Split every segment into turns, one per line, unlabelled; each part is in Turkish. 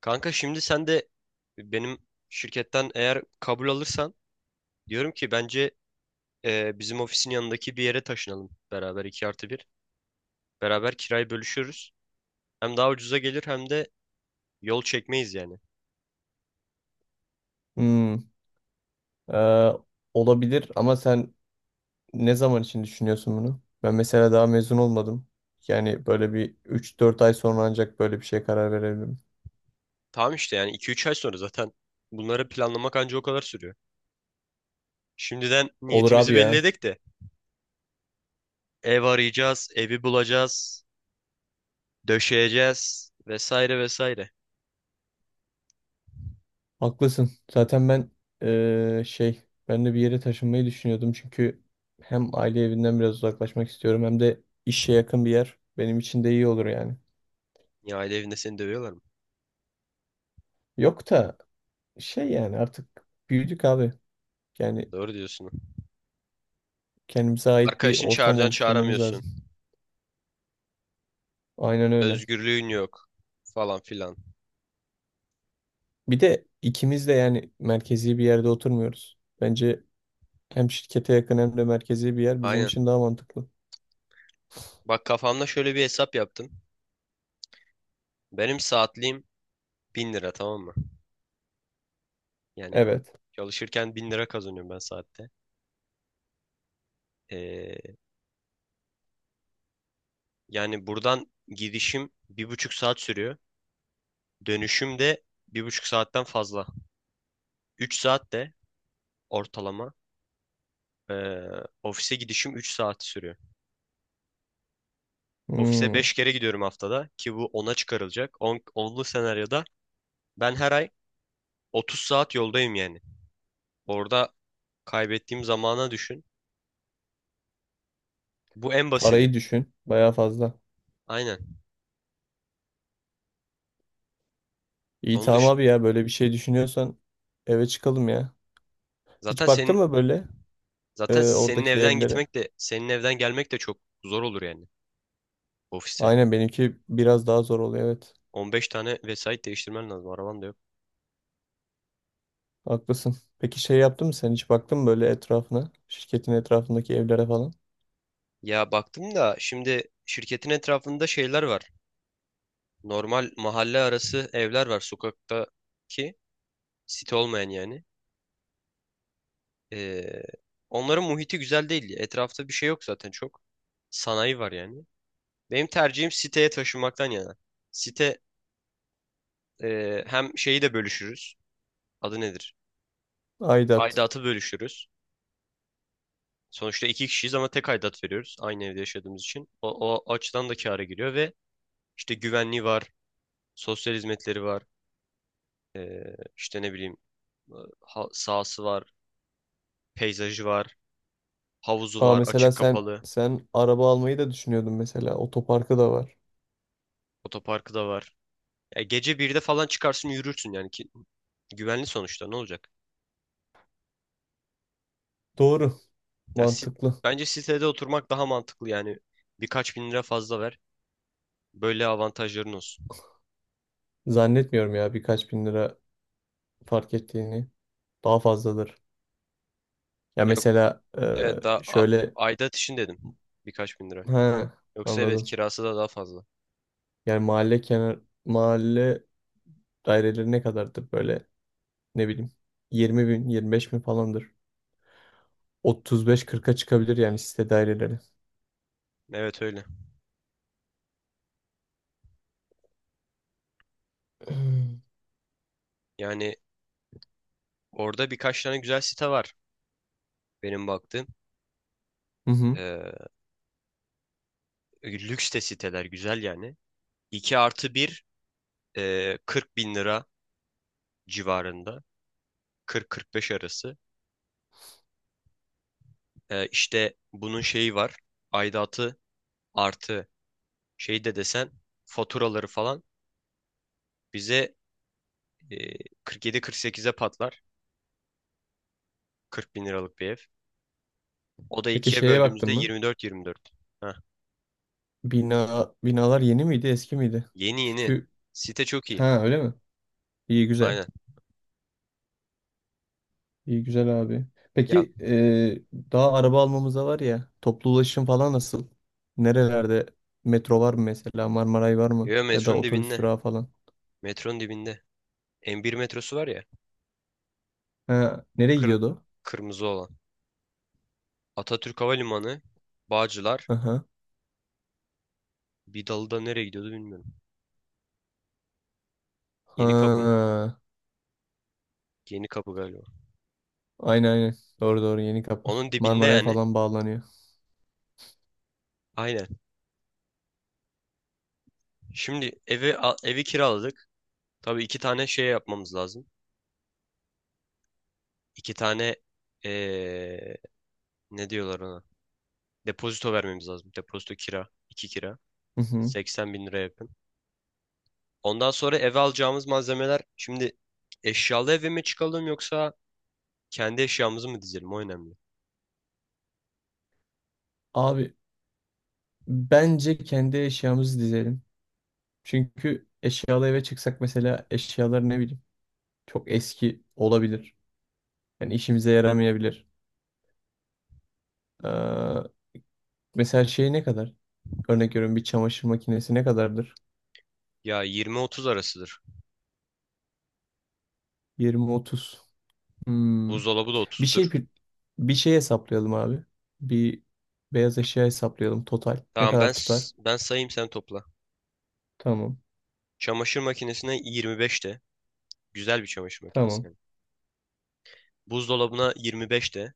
Kanka şimdi sen de benim şirketten eğer kabul alırsan diyorum ki bence bizim ofisin yanındaki bir yere taşınalım beraber 2 artı bir. Beraber kirayı bölüşürüz. Hem daha ucuza gelir hem de yol çekmeyiz yani.
Hmm. e, Olabilir ama sen ne zaman için düşünüyorsun bunu? Ben mesela daha mezun olmadım. Yani böyle bir üç dört ay sonra ancak böyle bir şeye karar verebilirim.
Tamam işte yani iki üç ay sonra zaten bunları planlamak anca o kadar sürüyor. Şimdiden
Olur
niyetimizi
abi
belli
ya.
edek de ev arayacağız, evi bulacağız, döşeyeceğiz vesaire vesaire.
Haklısın. Zaten ben e, şey ben de bir yere taşınmayı düşünüyordum, çünkü hem aile evinden biraz uzaklaşmak istiyorum hem de işe yakın bir yer benim için de iyi olur yani.
Ya aile evinde seni dövüyorlar mı?
Yok da şey, yani artık büyüdük abi. Yani
Doğru diyorsun.
kendimize ait bir
Arkadaşını
ortam
çağıracaksın,
oluşturmamız
çağıramıyorsun.
lazım. Aynen öyle.
Özgürlüğün yok falan filan.
Bir de ikimiz de yani merkezi bir yerde oturmuyoruz. Bence hem şirkete yakın hem de merkezi bir yer bizim
Aynen.
için daha mantıklı.
Bak, kafamda şöyle bir hesap yaptım. Benim saatliğim 1.000 lira, tamam mı? Yani
Evet.
çalışırken 1.000 lira kazanıyorum ben saatte. Ee, Yani buradan gidişim bir buçuk saat sürüyor. Dönüşüm de bir buçuk saatten fazla. Üç saat de ortalama. ee, Ofise gidişim 3 saat sürüyor. Ofise
Hmm.
5 kere gidiyorum haftada, ki bu ona çıkarılacak. 10, 10'lu senaryoda ben her ay 30 saat yoldayım yani. Orada kaybettiğim zamana düşün. Bu en
Parayı
basiti.
düşün. Bayağı fazla.
Aynen.
İyi,
Onu
tamam
düşün.
abi ya, böyle bir şey düşünüyorsan eve çıkalım ya.
Zaten
Hiç baktın
senin
mı böyle
zaten senin
oradaki
evden
evlere?
gitmek de senin evden gelmek de çok zor olur yani ofise.
Aynen, benimki biraz daha zor oluyor, evet.
15 tane vesait değiştirmen lazım. Araban da yok.
Haklısın. Peki şey yaptın mı, sen hiç baktın mı böyle etrafına? Şirketin etrafındaki evlere falan?
Ya baktım da şimdi şirketin etrafında şeyler var. Normal mahalle arası evler var, sokaktaki, site olmayan yani. Ee, Onların muhiti güzel değil. Etrafta bir şey yok zaten çok. Sanayi var yani. Benim tercihim siteye taşınmaktan yana. Site, hem şeyi de bölüşürüz. Adı nedir?
Aidat.
Aidatı bölüşürüz. Sonuçta iki kişiyiz ama tek aidat veriyoruz, aynı evde yaşadığımız için. O, o açıdan da kâra giriyor ve işte güvenliği var, sosyal hizmetleri var, işte ne bileyim, e, sahası var, peyzajı var, havuzu
Aa,
var,
mesela
açık
sen
kapalı,
araba almayı da düşünüyordun mesela. Otoparkı da var.
otoparkı da var. Ya gece birde falan çıkarsın yürürsün yani, ki güvenli sonuçta, ne olacak?
Doğru.
Ya sit,
Mantıklı.
bence sitede oturmak daha mantıklı yani, birkaç bin lira fazla ver. Böyle avantajların olsun.
Zannetmiyorum ya birkaç bin lira fark ettiğini. Daha fazladır. Ya
Yok,
mesela
evet daha
şöyle,
aidat için dedim, birkaç bin lira.
ha,
Yoksa evet,
anladım.
kirası da daha fazla.
Yani mahalle, kenar mahalle daireleri ne kadardır böyle, ne bileyim, 20 bin 25 bin falandır. 35-40'a çıkabilir yani site daireleri.
Evet öyle. Yani orada birkaç tane güzel site var, benim baktığım.
Hı hı.
Ee, Lüks de siteler güzel yani. 2 artı bir, 40 bin lira civarında. 40-45 arası. İşte bunun şeyi var. Aidatı artı şey de desen, faturaları falan, bize e, 47-48'e patlar. 40 bin liralık bir ev. O da
Peki
ikiye
şeye baktın
böldüğümüzde
mı?
24-24. Heh.
Bina, binalar yeni miydi, eski miydi?
Yeni yeni.
Çünkü
Site çok iyi.
ha, öyle mi? İyi güzel.
Aynen.
İyi güzel abi.
Ya,
Peki daha araba almamıza var ya, toplu ulaşım falan nasıl? Nerelerde metro var mı mesela, Marmaray var mı?
yo,
Ya da
metronun
otobüs
dibinde.
durağı falan.
Metronun dibinde. M bir metrosu var ya.
Ha, nereye
Kır
gidiyordu?
Kırmızı olan. Atatürk Havalimanı, Bağcılar,
O? Aha.
bir dalı da nereye gidiyordu bilmiyorum. Yeni kapı mı?
Ha,
Yeni kapı galiba.
aynen aynen. Doğru doğru, yeni kapı.
Onun dibinde
Marmaray'a
yani.
falan bağlanıyor.
Aynen. Şimdi evi kiraladık. Tabii iki tane şey yapmamız lazım. İki tane eee, ne diyorlar ona? Depozito vermemiz lazım. Depozito kira. İki kira.
Hı hı.
80 bin lira yakın. Ondan sonra eve alacağımız malzemeler, şimdi eşyalı eve mi çıkalım yoksa kendi eşyamızı mı dizelim, o önemli.
Abi, bence kendi eşyamızı dizelim. Çünkü eşyalı eve çıksak mesela eşyalar, ne bileyim, çok eski olabilir. Yani işimize yaramayabilir. Mesela şey ne kadar? Örnek veriyorum, bir çamaşır makinesi ne kadardır?
Ya 20-30 arasıdır.
20-30. Hmm.
Buzdolabı da
Bir
30'dur.
şey pi- bir şey hesaplayalım abi. Bir beyaz eşya hesaplayalım total. Ne
Tamam, ben
kadar tutar?
ben sayayım, sen topla.
Tamam.
Çamaşır makinesine 25 de. Güzel bir çamaşır makinesi
Tamam.
yani. Buzdolabına 25 de.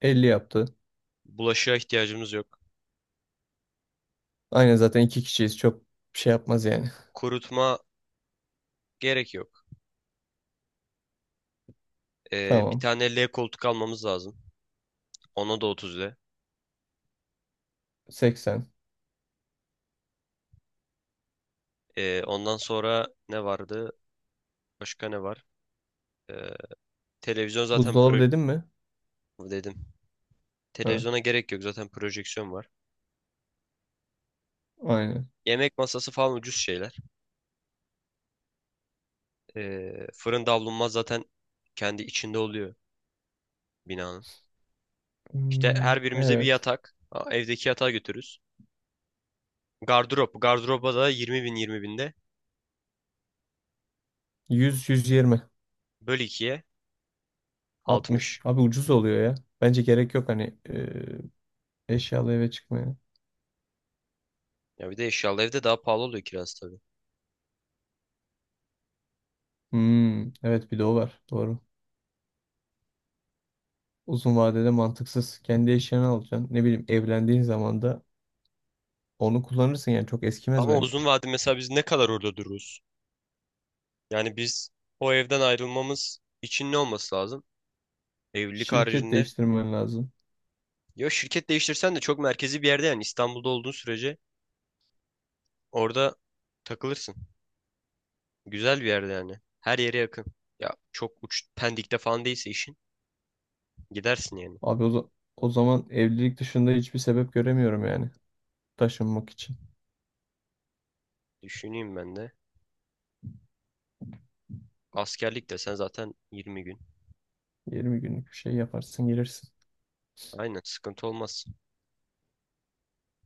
50 yaptı.
Bulaşığa ihtiyacımız yok.
Aynen, zaten iki kişiyiz. Çok bir şey yapmaz yani.
Kurutma gerek yok. Bir
Tamam.
tane L koltuk almamız lazım. Ona da 30 de.
80.
Ondan sonra ne vardı? Başka ne var? Ee, Televizyon zaten
Buzdolabı dedim mi?
dedim.
Ha,
Televizyona gerek yok, zaten projeksiyon var.
aynen.
Yemek masası falan ucuz şeyler. Fırın davlumbaz zaten kendi içinde oluyor binanın. İşte
Hmm,
her birimize bir
evet.
yatak. Evdeki yatağı götürürüz. Gardırop. Gardıroba da 20 binde.
100 120
Böl 2'ye,
60.
60.
Abi, ucuz oluyor ya. Bence gerek yok hani eşyalı eve çıkmaya.
Ya bir de eşyalı evde daha pahalı oluyor kirası tabii.
Hmm, evet, bir de o var. Doğru. Uzun vadede mantıksız. Kendi eşyanı alacaksın. Ne bileyim, evlendiğin zaman da onu kullanırsın yani, çok eskimez
Ama
bence.
uzun vade, mesela biz ne kadar orada dururuz? Yani biz o evden ayrılmamız için ne olması lazım? Evlilik
Şirket
haricinde.
değiştirmen lazım.
Ya şirket değiştirsen de çok merkezi bir yerde, yani İstanbul'da olduğun sürece orada takılırsın. Güzel bir yerde yani. Her yere yakın. Ya çok uç Pendik'te falan değilse işin, gidersin yani.
Abi, o zaman evlilik dışında hiçbir sebep göremiyorum yani taşınmak için.
Düşüneyim ben de. Askerlik de sen zaten 20 gün.
20 günlük bir şey yaparsın, gelirsin.
Aynen, sıkıntı olmaz.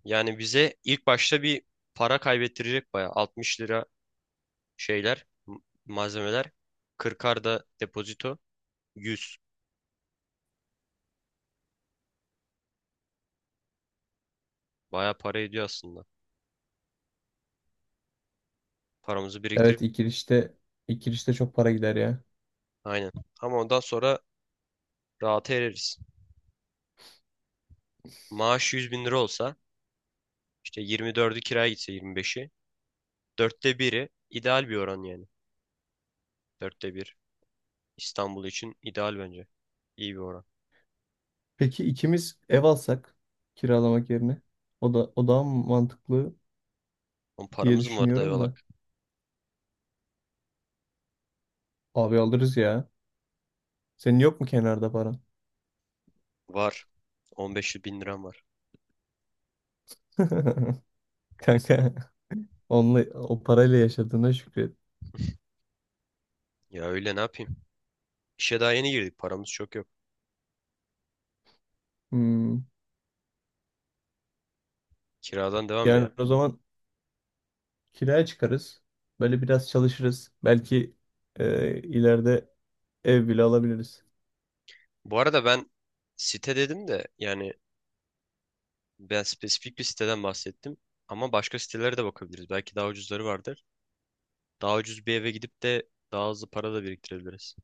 Yani bize ilk başta bir para kaybettirecek bayağı. 60 lira şeyler, malzemeler. 40'ar da depozito. Yüz. Bayağı para ediyor aslında. Paramızı
Evet,
biriktirip
ilk girişte çok para gider ya.
aynen. Ama ondan sonra rahata ereriz. Maaş 100 bin lira olsa, işte 24'ü kiraya gitse, 25'i. Dörtte biri ideal bir oran yani. Dörtte bir. İstanbul için ideal bence. İyi bir oran.
Peki ikimiz ev alsak kiralamak yerine o daha mı mantıklı
On
diye
paramız mı var,
düşünüyorum da.
dayıvalak?
Abi alırız ya. Senin yok mu kenarda paran?
Var. 15 bin liram var.
Kanka, onunla, o parayla yaşadığına şükret.
Ya öyle ne yapayım? İşe daha yeni girdik. Paramız çok yok.
Hmm.
Kiradan devam ya.
Yani o zaman kiraya çıkarız. Böyle biraz çalışırız. Belki ileride ev bile alabiliriz.
Bu arada ben site dedim de, yani ben spesifik bir siteden bahsettim. Ama başka sitelere de bakabiliriz. Belki daha ucuzları vardır. Daha ucuz bir eve gidip de daha hızlı para da biriktirebiliriz.